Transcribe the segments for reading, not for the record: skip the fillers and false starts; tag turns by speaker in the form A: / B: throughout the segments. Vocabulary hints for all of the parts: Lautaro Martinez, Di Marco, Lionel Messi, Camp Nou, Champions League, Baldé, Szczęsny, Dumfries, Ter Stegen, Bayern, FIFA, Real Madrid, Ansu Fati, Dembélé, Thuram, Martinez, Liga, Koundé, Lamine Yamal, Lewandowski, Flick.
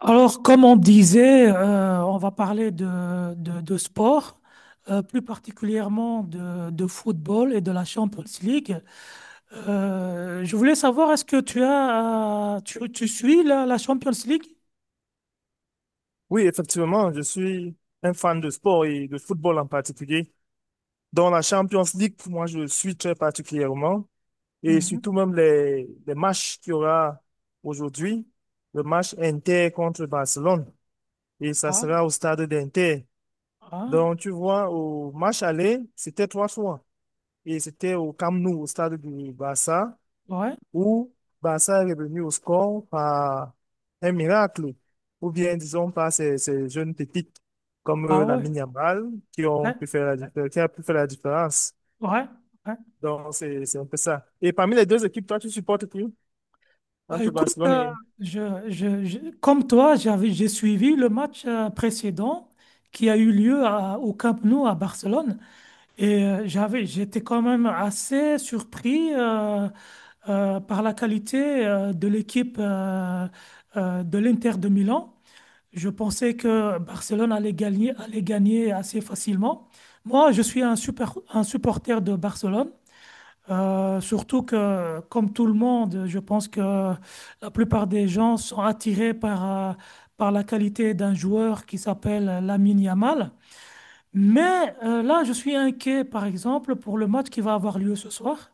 A: Alors, comme on disait, on va parler de sport, plus particulièrement de football et de la Champions League. Je voulais savoir, est-ce que tu as, tu suis la Champions League?
B: Oui, effectivement, je suis un fan de sport et de football en particulier. Dans la Champions League, moi, je suis très particulièrement et
A: Mhm.
B: surtout même les matchs qu'il y aura aujourd'hui, le match Inter contre Barcelone, et ça
A: Ah,
B: sera au stade d'Inter.
A: ah,
B: Donc, tu vois, au match aller, c'était trois fois et c'était au Camp Nou, au stade du Barça
A: ouais,
B: ou Barça est revenu au score par un miracle, ou bien disons par ces jeunes pépites comme
A: ah ouais,
B: Lamine Yamal qui ont
A: ouais,
B: pu faire la différence, qui a pu faire la différence.
A: ouais. Ouais.
B: Donc c'est un peu ça. Et parmi les deux équipes, toi tu supportes qui
A: Bah,
B: entre
A: écoute,
B: Barcelone et
A: comme toi, j'ai suivi le match précédent qui a eu lieu au Camp Nou à Barcelone. Et j'étais quand même assez surpris par la qualité de l'équipe de l'Inter de Milan. Je pensais que Barcelone allait gagner assez facilement. Moi, je suis un supporter de Barcelone. Surtout que, comme tout le monde, je pense que la plupart des gens sont attirés euh, par la qualité d'un joueur qui s'appelle Lamine Yamal. Mais là, je suis inquiet, par exemple, pour le match qui va avoir lieu ce soir,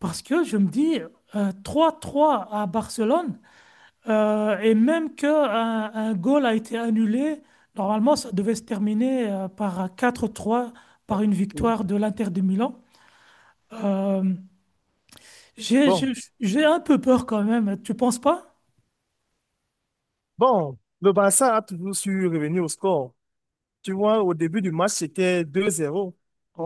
A: parce que je me dis 3-3 à Barcelone, et même que un goal a été annulé, normalement, ça devait se terminer par 4-3, par une
B: oui.
A: victoire de l'Inter de Milan. Euh, j'ai, j'ai
B: Bon,
A: j'ai un peu peur quand même, tu penses pas?
B: bon, le Barça a toujours su revenir au score. Tu vois, au début du match, c'était deux zéro.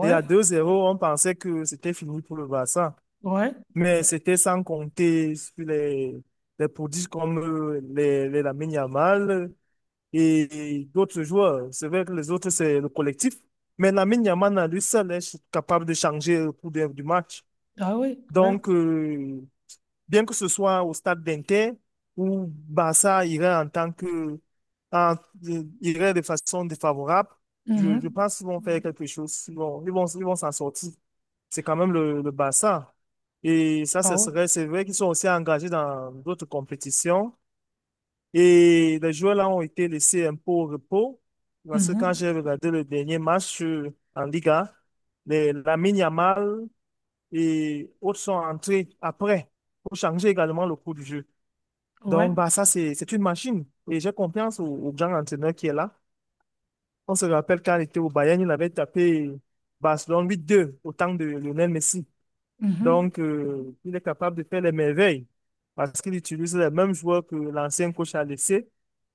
B: Et à deux zéro, on pensait que c'était fini pour le Barça.
A: ouais,
B: Mais c'était sans compter sur les prodiges comme les Lamine Yamal et d'autres joueurs. C'est vrai que les autres, c'est le collectif. Mais Lamine Yamal, à lui seul, est capable de changer le cours de- du match.
A: ah oui, ouais.
B: Donc, bien que ce soit au stade d'Inter, où Barça irait en tant que, en- irait de façon défavorable, je
A: Mhm.
B: pense qu'ils vont faire quelque chose. Ils vont s'en sortir. C'est quand même le Barça. Et ça,
A: Ah
B: ce
A: ouais,
B: serait, c'est vrai qu'ils sont aussi engagés dans d'autres compétitions. Et les joueurs là ont été laissés un peu au repos. Parce que quand
A: mhm.
B: j'ai regardé le dernier match en Liga, les, Lamine Yamal et autres sont entrés après pour changer également le cours du jeu.
A: Ouais,
B: Donc, bah, c'est une machine. Et j'ai confiance au grand entraîneur qui est là. On se rappelle quand il était au Bayern, il avait tapé Barcelone 8-2 au temps de Lionel Messi.
A: mhm.
B: Donc, il est capable de faire les merveilles parce qu'il utilise les mêmes joueurs que l'ancien coach a laissé.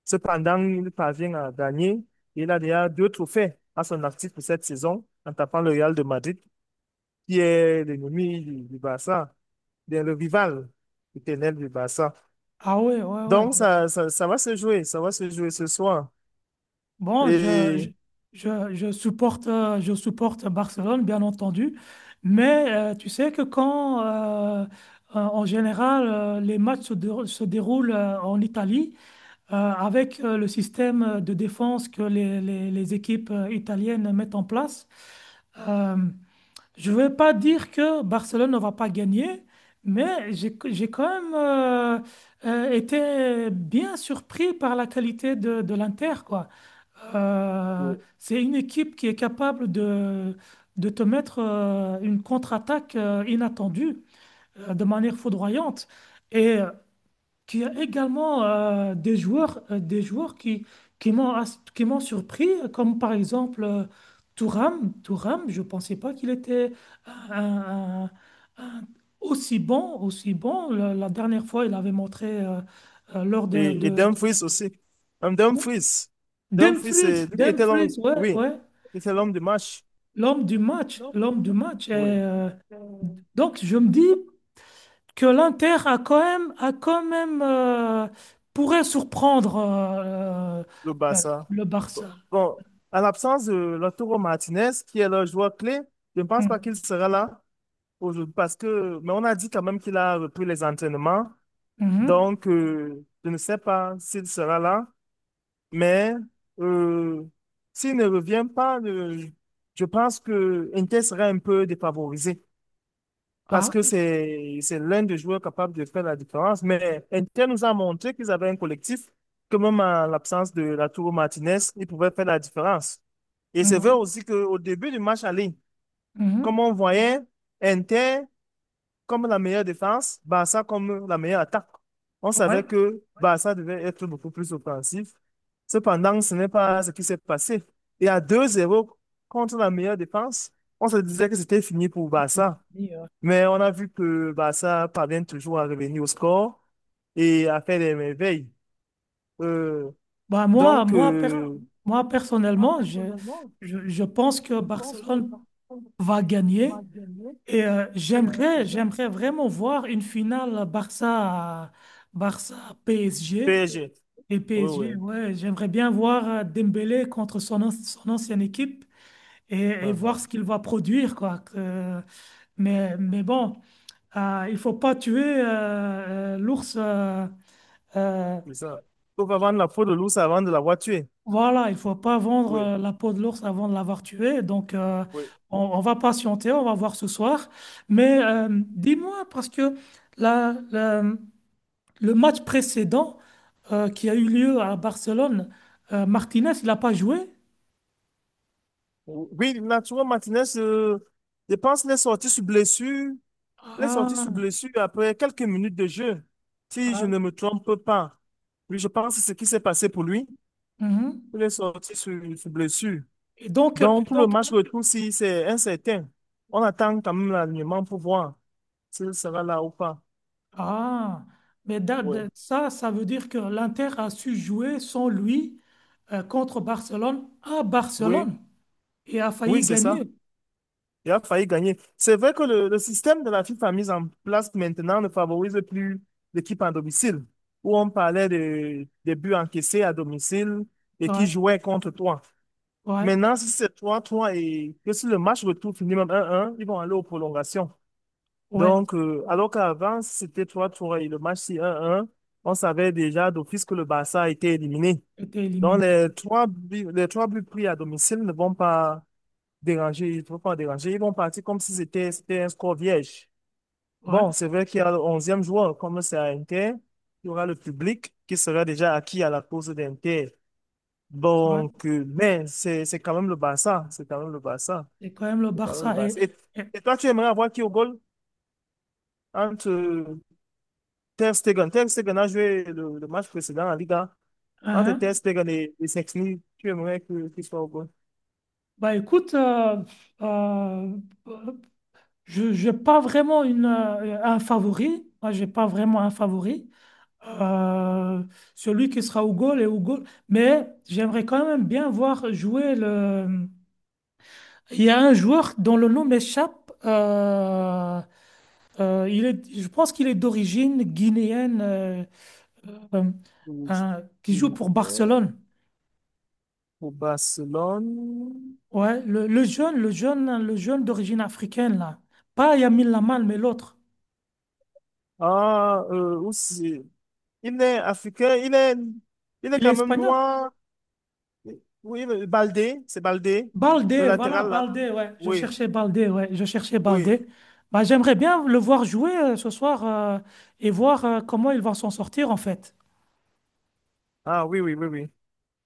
B: Cependant, il parvient à gagner. Il a déjà deux trophées à son actif pour cette saison en tapant le Real de Madrid qui est l'ennemi du Barça, bien le rival éternel du bassin.
A: Ah ouais, ouais, ouais.
B: Donc, ça va se jouer, ça va se jouer ce soir.
A: Bon,
B: Et,
A: je supporte Barcelone, bien entendu, mais tu sais que en général, les se déroulent en Italie, avec le système de défense que les équipes italiennes mettent en place, euh, je ne vais pas dire que Barcelone ne va pas gagner, mais j'ai quand même été bien surpris par la qualité de l'Inter, quoi. C'est une équipe qui est capable de te mettre une contre-attaque inattendue de manière foudroyante et qui a également des joueurs qui m'ont surpris, comme par exemple Thuram. Thuram, je ne pensais pas qu'il était un- un- un- aussi bon, aussi bon. La dernière fois, il avait montré lors de,
B: et
A: de-
B: Dumfries aussi. Dumfries. Dumfries,
A: Dumfries,
B: c'est lui qui était l'homme,
A: Dumfries, ouais,
B: oui,
A: ouais.
B: qui était l'homme du match.
A: L'homme du match, l'homme du match. Et,
B: Oui,
A: donc, je me dis que l'Inter a quand même pourrait surprendre
B: le
A: euh,
B: Barça.
A: le Barça.
B: Bon, à l'absence de Lautaro Martinez, qui est le joueur clé, je ne pense pas
A: Mm.
B: qu'il sera là aujourd'hui parce que, mais on a dit quand même qu'il a repris les entraînements.
A: Mhm.
B: Donc, je ne sais pas s'il sera là, mais euh, s'il ne revient pas, je pense que Inter sera un peu défavorisé parce
A: Ah,
B: que c'est l'un des joueurs capables de faire la différence. Mais Inter nous a montré qu'ils avaient un collectif, que même en l'absence de Lautaro Martinez, ils pouvaient faire la différence. Et c'est vrai
A: mhm.
B: aussi qu'au début du match aller, comme
A: Mhm.
B: on voyait, Inter comme la meilleure défense, Barça comme la meilleure attaque. On
A: Ouais.
B: savait que Barça devait être beaucoup plus offensif. Cependant, ce n'est pas ce qui s'est passé. Et à deux zéro contre la meilleure défense, on se disait que c'était fini pour Barça.
A: Et, euh,
B: Mais on a vu que Barça parvient toujours à revenir au score et à faire des merveilles. Euh,
A: Bah moi,
B: donc,
A: moi, per- moi personnellement, je pense que Barcelone va gagner et j'aimerais vraiment voir une finale Barça, Barça PSG.
B: PSG.
A: Et
B: Oui,
A: PSG,
B: oui.
A: ouais, j'aimerais bien voir Dembélé contre son ancienne équipe et, et
B: Ah, ah.
A: voir ce qu'il va produire, quoi. Mais bon, il faut pas tuer l'ours. Euh,
B: C'est ça. Il faut pas vendre la peau de l'ours avant de l'avoir tué.
A: voilà, il faut pas vendre
B: Oui,
A: la peau de l'ours avant de l'avoir tué. Donc,
B: oui.
A: on va patienter, on va voir ce soir. Mais dis-moi, parce que la, la- le match précédent qui a eu lieu à Barcelone, Martinez, il n'a pas joué?
B: Oui, Arturo Martinez, je pense, les sorties sur blessure, les sorties sur
A: Ah.
B: blessure après quelques minutes de jeu, si je
A: Ah,
B: ne me trompe pas. Oui, je pense que c'est ce qui s'est passé pour lui,
A: mhm.
B: il est sorti sur blessure.
A: Et
B: Donc, pour le
A: donc,
B: match retour, si c'est incertain, on attend quand même l'alignement pour voir s'il sera là ou pas.
A: ah, mais
B: Oui.
A: ça, ça veut dire que l'Inter a su jouer sans lui contre Barcelone à
B: Oui,
A: Barcelone et a
B: oui,
A: failli
B: c'est
A: gagner.
B: ça. Il a failli gagner. C'est vrai que le système de la FIFA mis en place maintenant ne favorise plus l'équipe en domicile, où on parlait des buts encaissés à domicile et qui
A: Ouais,
B: jouaient contre toi.
A: ouais,
B: Maintenant, si c'est 3-3 et que si le match retour finit même 1-1, ils vont aller aux prolongations.
A: ouais,
B: Donc, alors qu'avant, si c'était 3-3 et le match si 1-1, on savait déjà d'office que le Barça a été éliminé.
A: était
B: Donc,
A: éliminé. Ouais,
B: les trois buts pris à domicile ne vont pas déranger, il faut pas déranger. Ils vont partir comme si c'était un score vierge.
A: ouais,
B: Bon, c'est vrai qu'il y a le onzième joueur, comme c'est à Inter, il y aura le public qui sera déjà acquis à la cause d'Inter.
A: ouais.
B: Donc, mais c'est quand même le Barça,
A: C'est quand même le
B: c'est quand même le
A: Barça.
B: Barça.
A: Et-
B: Et toi, tu aimerais avoir qui au goal entre Ter Stegen? Ter Stegen a joué le match précédent en Liga. Entre Ter
A: hein.
B: Stegen et Szczęsny, tu aimerais que qu'il soit au goal
A: Bah écoute, euh, je n'ai pas vraiment un favori. Moi, j'ai pas vraiment un favori. euh, Celui qui sera au goal et au goal. Mais j'aimerais quand même bien voir jouer le. Il y a un joueur dont le nom m'échappe. Il est, je pense qu'il est d'origine guinéenne, euh,
B: pour,
A: qui joue pour Barcelone.
B: pour Barcelone?
A: Ouais, le jeune d'origine africaine là. Pas Lamine Lamal, mais l'autre.
B: Ah, aussi. Il est africain, il est
A: Il est
B: quand même
A: espagnol.
B: noir. Oui, le- Baldé, c'est Baldé, le
A: Baldé, voilà,
B: latéral là.
A: Baldé, ouais. Je
B: Oui,
A: cherchais Baldé, ouais. Je cherchais
B: oui.
A: Baldé. Bah, j'aimerais bien le voir jouer ce soir et voir comment ils vont s'en sortir, en fait.
B: Ah oui.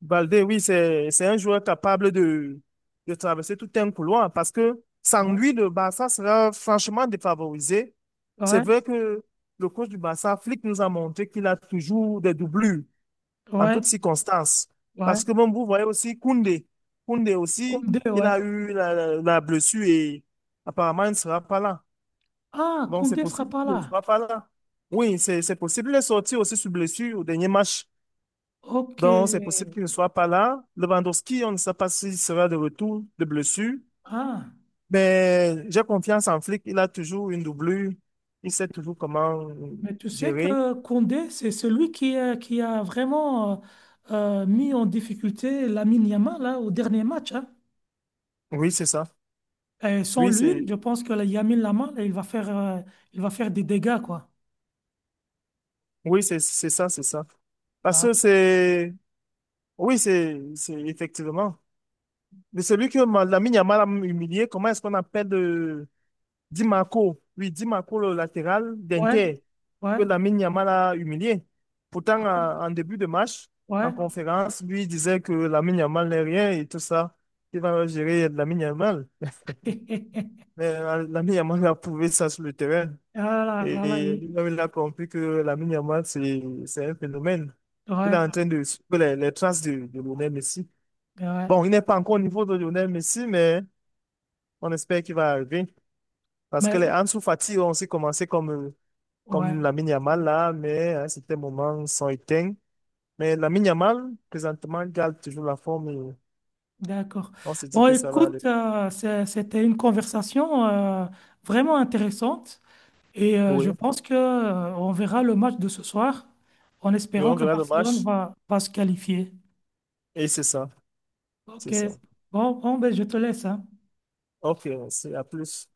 B: Baldé, oui, c'est un joueur capable de traverser tout un couloir parce que sans
A: Ouais,
B: lui, le Barça sera franchement défavorisé. C'est
A: ouais,
B: vrai que le coach du Barça, Flick, nous a montré qu'il a toujours des doublures en
A: ouais.
B: toutes circonstances.
A: Ouais.
B: Parce que même vous voyez aussi Koundé. Koundé aussi,
A: Koundé,
B: il
A: ouais.
B: a eu la blessure et apparemment il ne sera pas là.
A: Ah,
B: Donc c'est
A: Koundé sera
B: possible
A: pas
B: qu'il ne
A: là.
B: sera pas là. Oui, c'est possible. Il est sorti aussi sur blessure au dernier match.
A: Ok.
B: Donc c'est possible qu'il ne soit pas là. Lewandowski, on ne sait pas s'il sera de retour de blessure.
A: Ah,
B: Mais j'ai confiance en Flick. Il a toujours une doublure. Il sait toujours comment
A: mais tu sais
B: gérer.
A: que Koundé, c'est celui qui a vraiment mis en difficulté Lamine Yamal là, au dernier match. Hein.
B: Oui, c'est ça.
A: Et sans
B: Oui,
A: lui,
B: c'est
A: je pense que la Lamine Yamal, il va faire des dégâts, quoi.
B: c'est ça. Parce
A: Ah,
B: que c'est Oui, c'est effectivement. Mais celui que Ma- Lamine Yamal a humilié, comment est-ce qu'on appelle Di Marco? Oui, Di Marco, le latéral
A: ouais.
B: d'Inter,
A: Ouais,
B: que Lamine Yamal a humilié. Pourtant,
A: ah
B: en début de match,
A: ouais, ouais.
B: en conférence, lui il disait que Lamine Yamal n'est rien et tout ça. Il va gérer Lamine Yamal. Mais Lamine Yamal a prouvé ça sur le terrain.
A: Ah là, ah là,
B: Et, lui-même, il a compris que Lamine Yamal, c'est un phénomène. Il est
A: ouais,
B: en train de suivre les traces de Lionel Messi.
A: ben ouais.
B: Bon, il n'est pas encore au niveau de Lionel Messi, mais on espère qu'il va arriver. Parce
A: Mais
B: que les Ansu Fati ont aussi commencé comme,
A: ouais,
B: comme Lamine Yamal là, mais à un certain moment, ils sont éteints. Mais Lamine Yamal, présentement, il garde toujours la forme et
A: d'accord.
B: on se dit
A: Bon,
B: que ça va aller.
A: écoute, c'était une conversation vraiment intéressante et je
B: Oui.
A: pense que on verra le match de ce soir en
B: Mais
A: espérant
B: on
A: que
B: verra le
A: Barcelone
B: match
A: va se qualifier.
B: et c'est ça. C'est
A: Ok.
B: ça.
A: Bon, bon, ben, je te laisse, hein.
B: Ok, c'est à plus.